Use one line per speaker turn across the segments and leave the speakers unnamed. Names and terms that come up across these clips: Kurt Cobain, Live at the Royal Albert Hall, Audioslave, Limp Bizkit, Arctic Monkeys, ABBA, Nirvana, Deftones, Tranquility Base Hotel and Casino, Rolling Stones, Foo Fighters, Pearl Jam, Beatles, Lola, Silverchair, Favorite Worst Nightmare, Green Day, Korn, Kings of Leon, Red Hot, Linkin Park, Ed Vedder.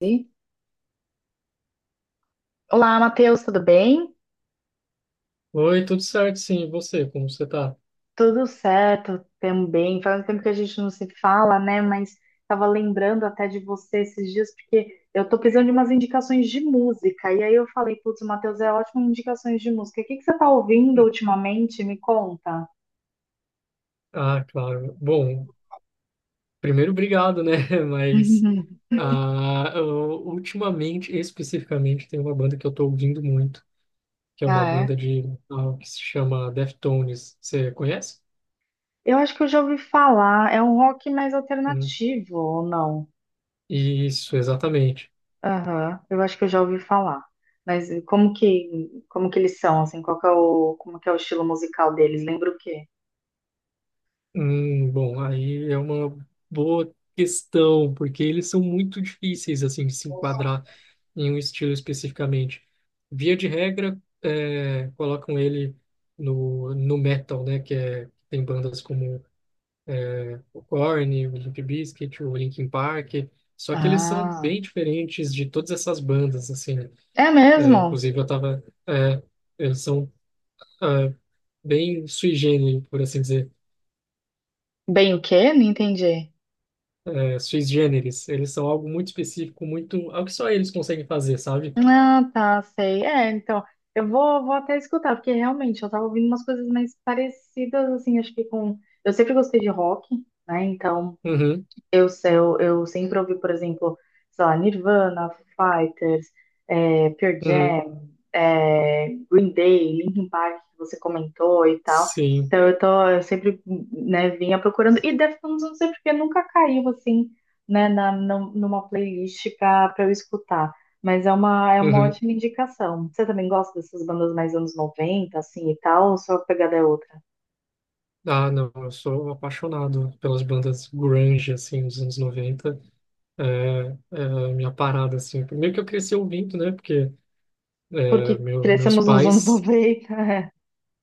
Sim. Olá, Matheus, tudo bem?
Oi, tudo certo? Sim, e você? Como você tá?
Tudo certo também. Faz um tempo que a gente não se fala, né? Mas estava lembrando até de você esses dias, porque eu tô precisando de umas indicações de música. E aí eu falei, putz, o Matheus é ótimo em indicações de música. O que que você tá ouvindo ultimamente? Me conta.
Ah, claro. Bom, primeiro, obrigado, né? Mas ah, eu, ultimamente, especificamente, tem uma banda que eu tô ouvindo muito, que é uma
Ah,
banda
é?
de metal que se chama Deftones. Você conhece?
Eu acho que eu já ouvi falar. É um rock mais
Hum,
alternativo, ou não?
Isso, exatamente.
Aham, eu acho que eu já ouvi falar. Mas como que eles são, assim, qual que é o, como que é o estilo musical deles? Lembra o quê?
Bom, aí é uma boa questão, porque eles são muito difíceis, assim, de se enquadrar em um estilo especificamente. Via de regra, colocam ele no metal, né? Tem bandas como o Korn, o Limp Bizkit, o Linkin Park. Só que eles são
Ah,
bem diferentes de todas essas bandas, assim, né?
é
É,
mesmo?
inclusive, eu tava... é, eles são é, bem sui generis, por assim dizer.
Bem o quê? Não entendi.
É, sui generis. Eles são algo muito específico, muito... Algo que só eles conseguem fazer, sabe?
Ah, tá, sei. É, então, eu vou até escutar, porque realmente eu tava ouvindo umas coisas mais parecidas, assim, acho que com... Eu sempre gostei de rock, né, então...
Uhum,
Eu, se- eu sempre ouvi, por exemplo, sei lá, Nirvana, Foo Fighters, Pearl
uhum,
Jam, Green Day, Linkin Park, que você comentou e tal.
sim.
Então eu sempre, né, vinha procurando. E Deftones, não sei porque nunca caiu assim, né, numa playlist pra eu escutar. Mas é uma
Uhum.
ótima indicação. Você também gosta dessas bandas mais anos 90 assim, e tal, ou sua pegada é outra?
Ah, não, eu sou apaixonado pelas bandas grunge, assim, dos anos 90. É, é a minha parada, assim. Primeiro que eu cresci ouvindo, né? Porque
Porque
meu, meus
crescemos nos anos
pais...
noventa.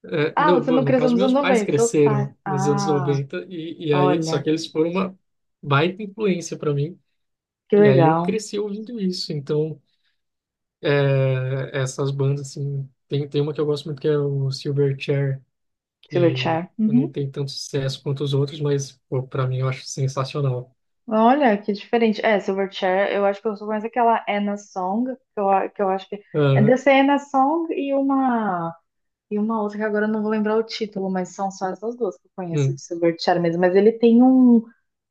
Ah,
não,
você
bom,
não
no
cresceu
caso,
nos anos
meus pais
90, seus pais.
cresceram nos anos
Ah,
noventa. E aí, só
olha,
que eles foram uma baita influência para mim.
que
E aí eu
legal.
cresci ouvindo isso. Então, essas bandas, assim... Tem uma que eu gosto muito que é o Silverchair, que
Silverchair.
não
Uhum.
tem tanto sucesso quanto os outros, mas, pô, para mim, eu acho sensacional.
Olha, que diferente. É, Silverchair, eu acho que eu sou mais aquela Anna Song, que eu acho que é
Aham,
dessa Anna Song e uma outra que agora eu não vou lembrar o título, mas são só essas duas que eu conheço do
hum,
Silverchair mesmo. Mas ele tem um,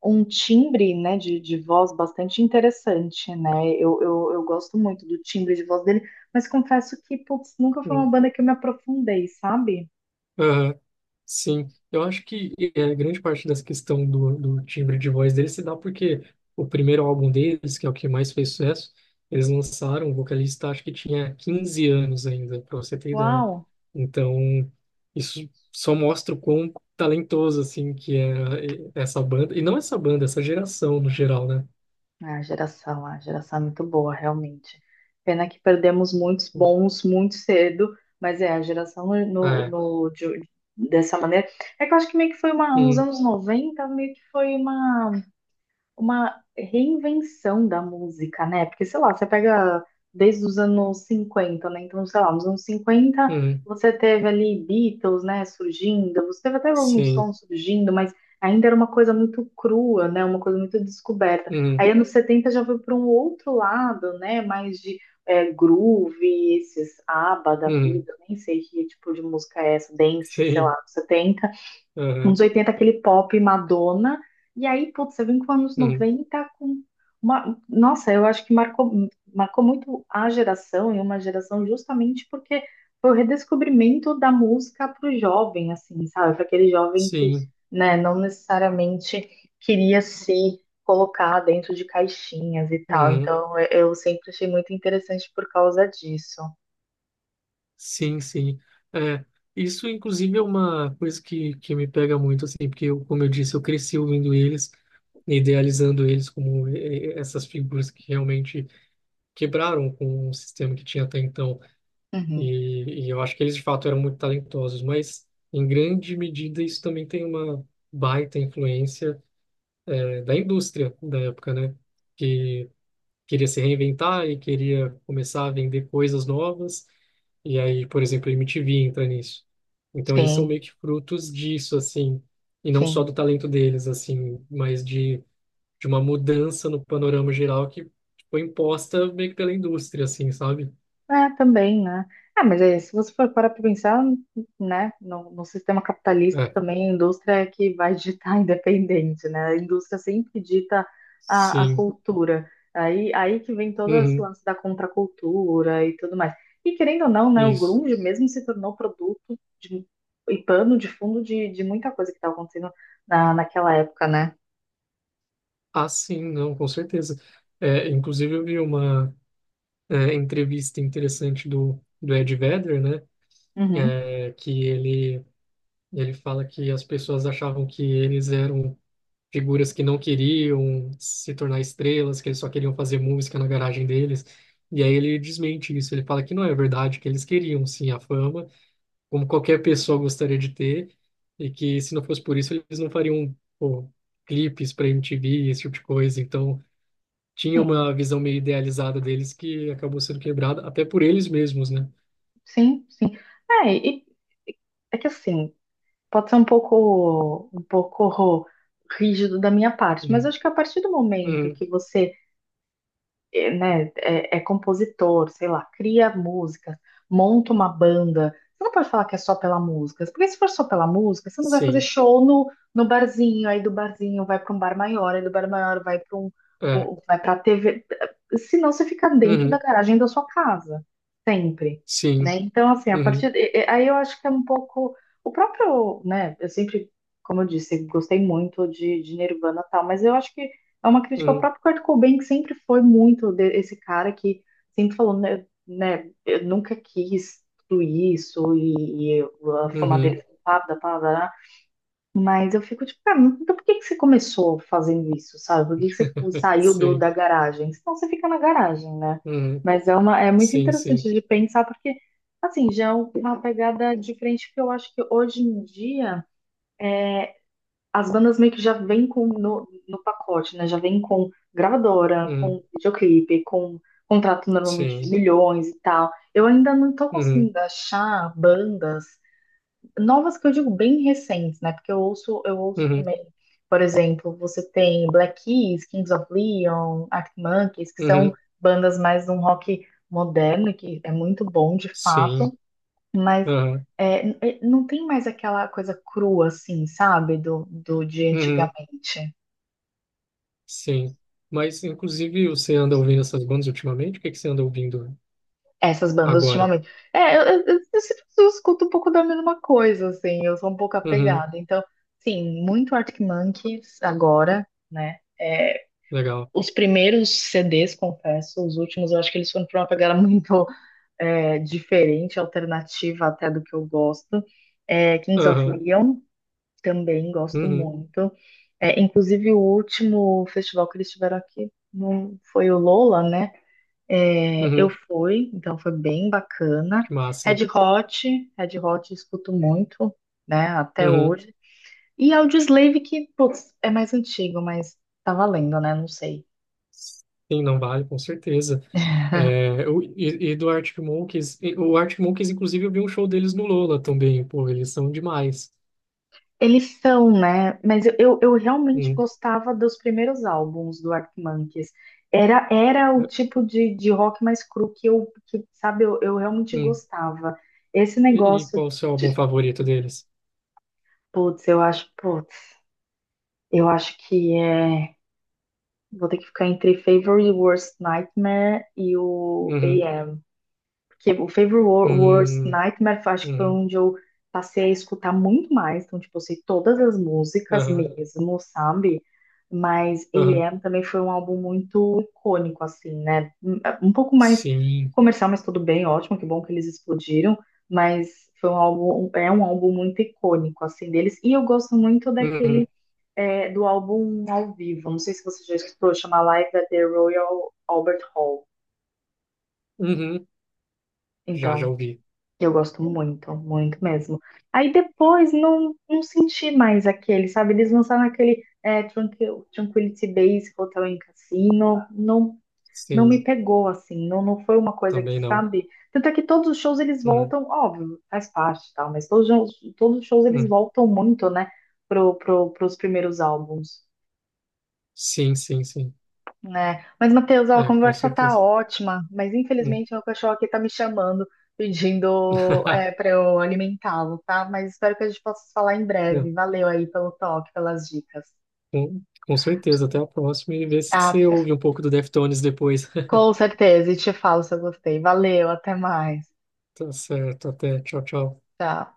um timbre, né, de voz bastante interessante, né? Eu gosto muito do timbre de voz dele, mas confesso que, putz, nunca foi uma
hum,
banda que eu me aprofundei, sabe?
aham, sim, eu acho que grande parte dessa questão do timbre de voz deles se dá porque o primeiro álbum deles, que é o que mais fez sucesso, eles lançaram, o vocalista acho que tinha 15 anos ainda, para você ter ideia.
Uau!
Então, isso só mostra o quão talentoso, assim, que essa banda, e não essa banda, essa geração no geral, né?
A geração é muito boa, realmente. Pena que perdemos muitos bons muito cedo, mas é, a geração
Ah, é,
dessa maneira. É que eu acho que meio que uns
hum,
anos 90 meio que foi uma reinvenção da música, né? Porque, sei lá, você pega desde os anos 50, né? Então, sei lá, nos anos cinquenta
hum,
você teve ali Beatles, né, surgindo, você teve até Rolling
sim,
Stones surgindo, mas ainda era uma coisa muito crua, né? Uma coisa muito descoberta.
hum,
Aí, anos 70 já foi para um outro lado, né? Mais de groove, esses ABBA da
hum,
vida, nem sei que tipo de música é essa, dance, sei
sim,
lá, setenta.
aham,
Uns oitenta, aquele pop Madonna. E aí, putz, você vem com anos
hum,
90 com uma. Nossa, eu acho que marcou muito a geração e uma geração justamente porque foi o redescobrimento da música para o jovem, assim, sabe? Para aquele jovem que,
sim.
né, não necessariamente queria se colocar dentro de caixinhas e tal.
Uhum.
Então, eu sempre achei muito interessante por causa disso.
Sim, sim. É, isso, inclusive, é uma coisa que me pega muito, assim, porque, eu, como eu disse, eu cresci ouvindo eles, idealizando eles como essas figuras que realmente quebraram com o sistema que tinha até então.
Uhum.
E eu acho que eles, de fato, eram muito talentosos, mas, em grande medida, isso também tem uma baita influência, da indústria da época, né? Que queria se reinventar e queria começar a vender coisas novas. E aí, por exemplo, a MTV entra nisso. Então eles são
Sim,
meio que frutos disso, assim, e não só
sim.
do talento deles, assim, mas de uma mudança no panorama geral que foi imposta meio que pela indústria, assim, sabe?
É, também, né? Ah, mas é, se você for parar para pensar, né, no sistema capitalista
É,
também, a indústria é que vai ditar independente, né? A indústria sempre dita a
sim,
cultura. Aí que vem todo esse
uhum,
lance da contracultura e tudo mais. E querendo ou não, né, o
isso.
grunge mesmo se tornou produto de, e pano de fundo de muita coisa que estava acontecendo naquela época, né?
Ah, sim, não, com certeza. É, inclusive eu vi uma entrevista interessante do Ed Vedder, né?
Uhum.
É, que ele fala que as pessoas achavam que eles eram figuras que não queriam se tornar estrelas, que eles só queriam fazer música na garagem deles. E aí ele desmente isso, ele fala que não é verdade, que eles queriam sim a fama, como qualquer pessoa gostaria de ter, e que se não fosse por isso eles não fariam, pô, clipes para MTV, esse tipo de coisa. Então tinha
Sim,
uma visão meio idealizada deles que acabou sendo quebrada até por eles mesmos, né?
sim, sim. É, e, é que assim. Pode ser um pouco rígido da minha parte, mas
Uhum.
acho que a partir do momento
Uhum.
que você é, né, é compositor, sei lá, cria músicas, monta uma banda. Você não pode falar que é só pela música, porque se for só pela música, você não vai fazer
Sim.
show no barzinho, aí do barzinho vai para um bar maior, aí do bar maior vai para um,
É.
um- vai para TV. Senão você fica dentro da
Uhum.
garagem da sua casa, sempre, né?
Sim.
Então, assim, a
Uhum.
partir e- aí eu acho que é um pouco o próprio, né? Eu sempre, como eu disse, gostei muito de Nirvana e tal, mas eu acho que é uma crítica ao
Uhum.
próprio Kurt Cobain, que sempre foi muito esse cara que sempre falou, né, eu nunca quis tudo isso e a fama dele
Uhum.
foi pá, pá, pá, pá, mas eu fico tipo, cara, então por que que você começou fazendo isso, sabe? Por que que você saiu da
Sim.
garagem? Senão você fica na garagem, né?
Uhum.
Mas é muito
Sim,
interessante
sim.
de pensar, porque, assim, já é uma pegada diferente que eu acho que hoje em dia as bandas meio que já vêm com no, no pacote, né? Já vêm com gravadora, com
Uhum,
videoclipe, com contrato normalmente de
sim.
milhões e tal. Eu ainda não tô
Uhum,
conseguindo achar bandas novas que eu digo bem recentes, né? Porque eu ouço
uhum,
também, por exemplo, você tem Black Keys, Kings of Leon, Arctic Monkeys, que são
uhum,
bandas mais de um rock moderno, que é muito bom de fato.
sim.
Mas
Aham,
é, não tem mais aquela coisa crua, assim, sabe? Do de
uhum,
antigamente.
sim. Mas, inclusive, você anda ouvindo essas bandas ultimamente? O que que você anda ouvindo
Essas bandas
agora?
ultimamente. É, eu escuto um pouco da mesma coisa, assim. Eu sou um pouco
Uhum,
apegada. Então, sim, muito Arctic Monkeys agora, né? É,
legal.
os primeiros CDs, confesso, os últimos eu acho que eles foram para uma pegada muito diferente, alternativa até do que eu gosto. É, Kings of
Aham,
Leon. Também gosto
uhum,
muito. É, inclusive, o último festival que eles tiveram aqui não foi o Lola, né? É, eu
uhum,
fui, então foi bem bacana.
que massa.
Red Hot, Red Hot eu escuto muito, né? Até
Uhum,
hoje. E Audioslave, que, putz, é mais antigo, mas tá valendo, né? Não sei.
sim, não vale, com certeza. É, e do Arctic Monkeys, o Arctic Monkeys, inclusive, eu vi um show deles no Lola também, pô, eles são demais.
Eles são, né? Mas eu realmente
Hum,
gostava dos primeiros álbuns do Arctic Monkeys. Era o
é,
tipo de rock mais cru sabe, eu realmente
hum.
gostava. Esse
E
negócio
qual o seu álbum
de,
favorito deles?
putz, eu acho que vou ter que ficar entre Favorite Worst Nightmare e o
Uhum,
que o Favorite Words,
hum,
Nightmare, acho que foi
hum.
onde eu passei a escutar muito mais. Então, tipo, eu sei todas as músicas
Aham,
mesmo, sabe? Mas
aham,
AM também foi um álbum muito icônico, assim, né? Um pouco mais
sim.
comercial, mas tudo bem, ótimo, que bom que eles explodiram. Mas é um álbum muito icônico, assim, deles. E eu gosto muito
Uhum,
do álbum ao vivo. Não sei se você já escutou, chama Live at the Royal Albert Hall.
uhum, já, já
Então.
ouvi.
Eu gosto muito, muito mesmo. Aí depois não senti mais aquele, sabe? Eles lançaram aquele Tranquility Base Hotel em Cassino, não me
Sim,
pegou assim, não foi uma coisa que,
também não.
sabe? Tanto é que todos os shows eles
Uhum,
voltam, óbvio, faz parte e tal, mas todos os shows eles
uhum.
voltam muito, né, pros primeiros álbuns,
Sim, sim, sim.
né? Mas, Matheus, ó, a
É, com
conversa tá
certeza.
ótima, mas
Uhum.
infelizmente meu cachorro aqui tá me chamando, pedindo para eu alimentá-lo, tá? Mas espero que a gente possa se falar em breve.
Não,
Valeu aí pelo toque, pelas dicas.
com, com certeza. Até a próxima e vê se
Ah,
você ouve um pouco do Deftones depois.
com certeza, e te falo se eu gostei. Valeu, até mais.
Tá certo, até. Tchau, tchau.
Tchau.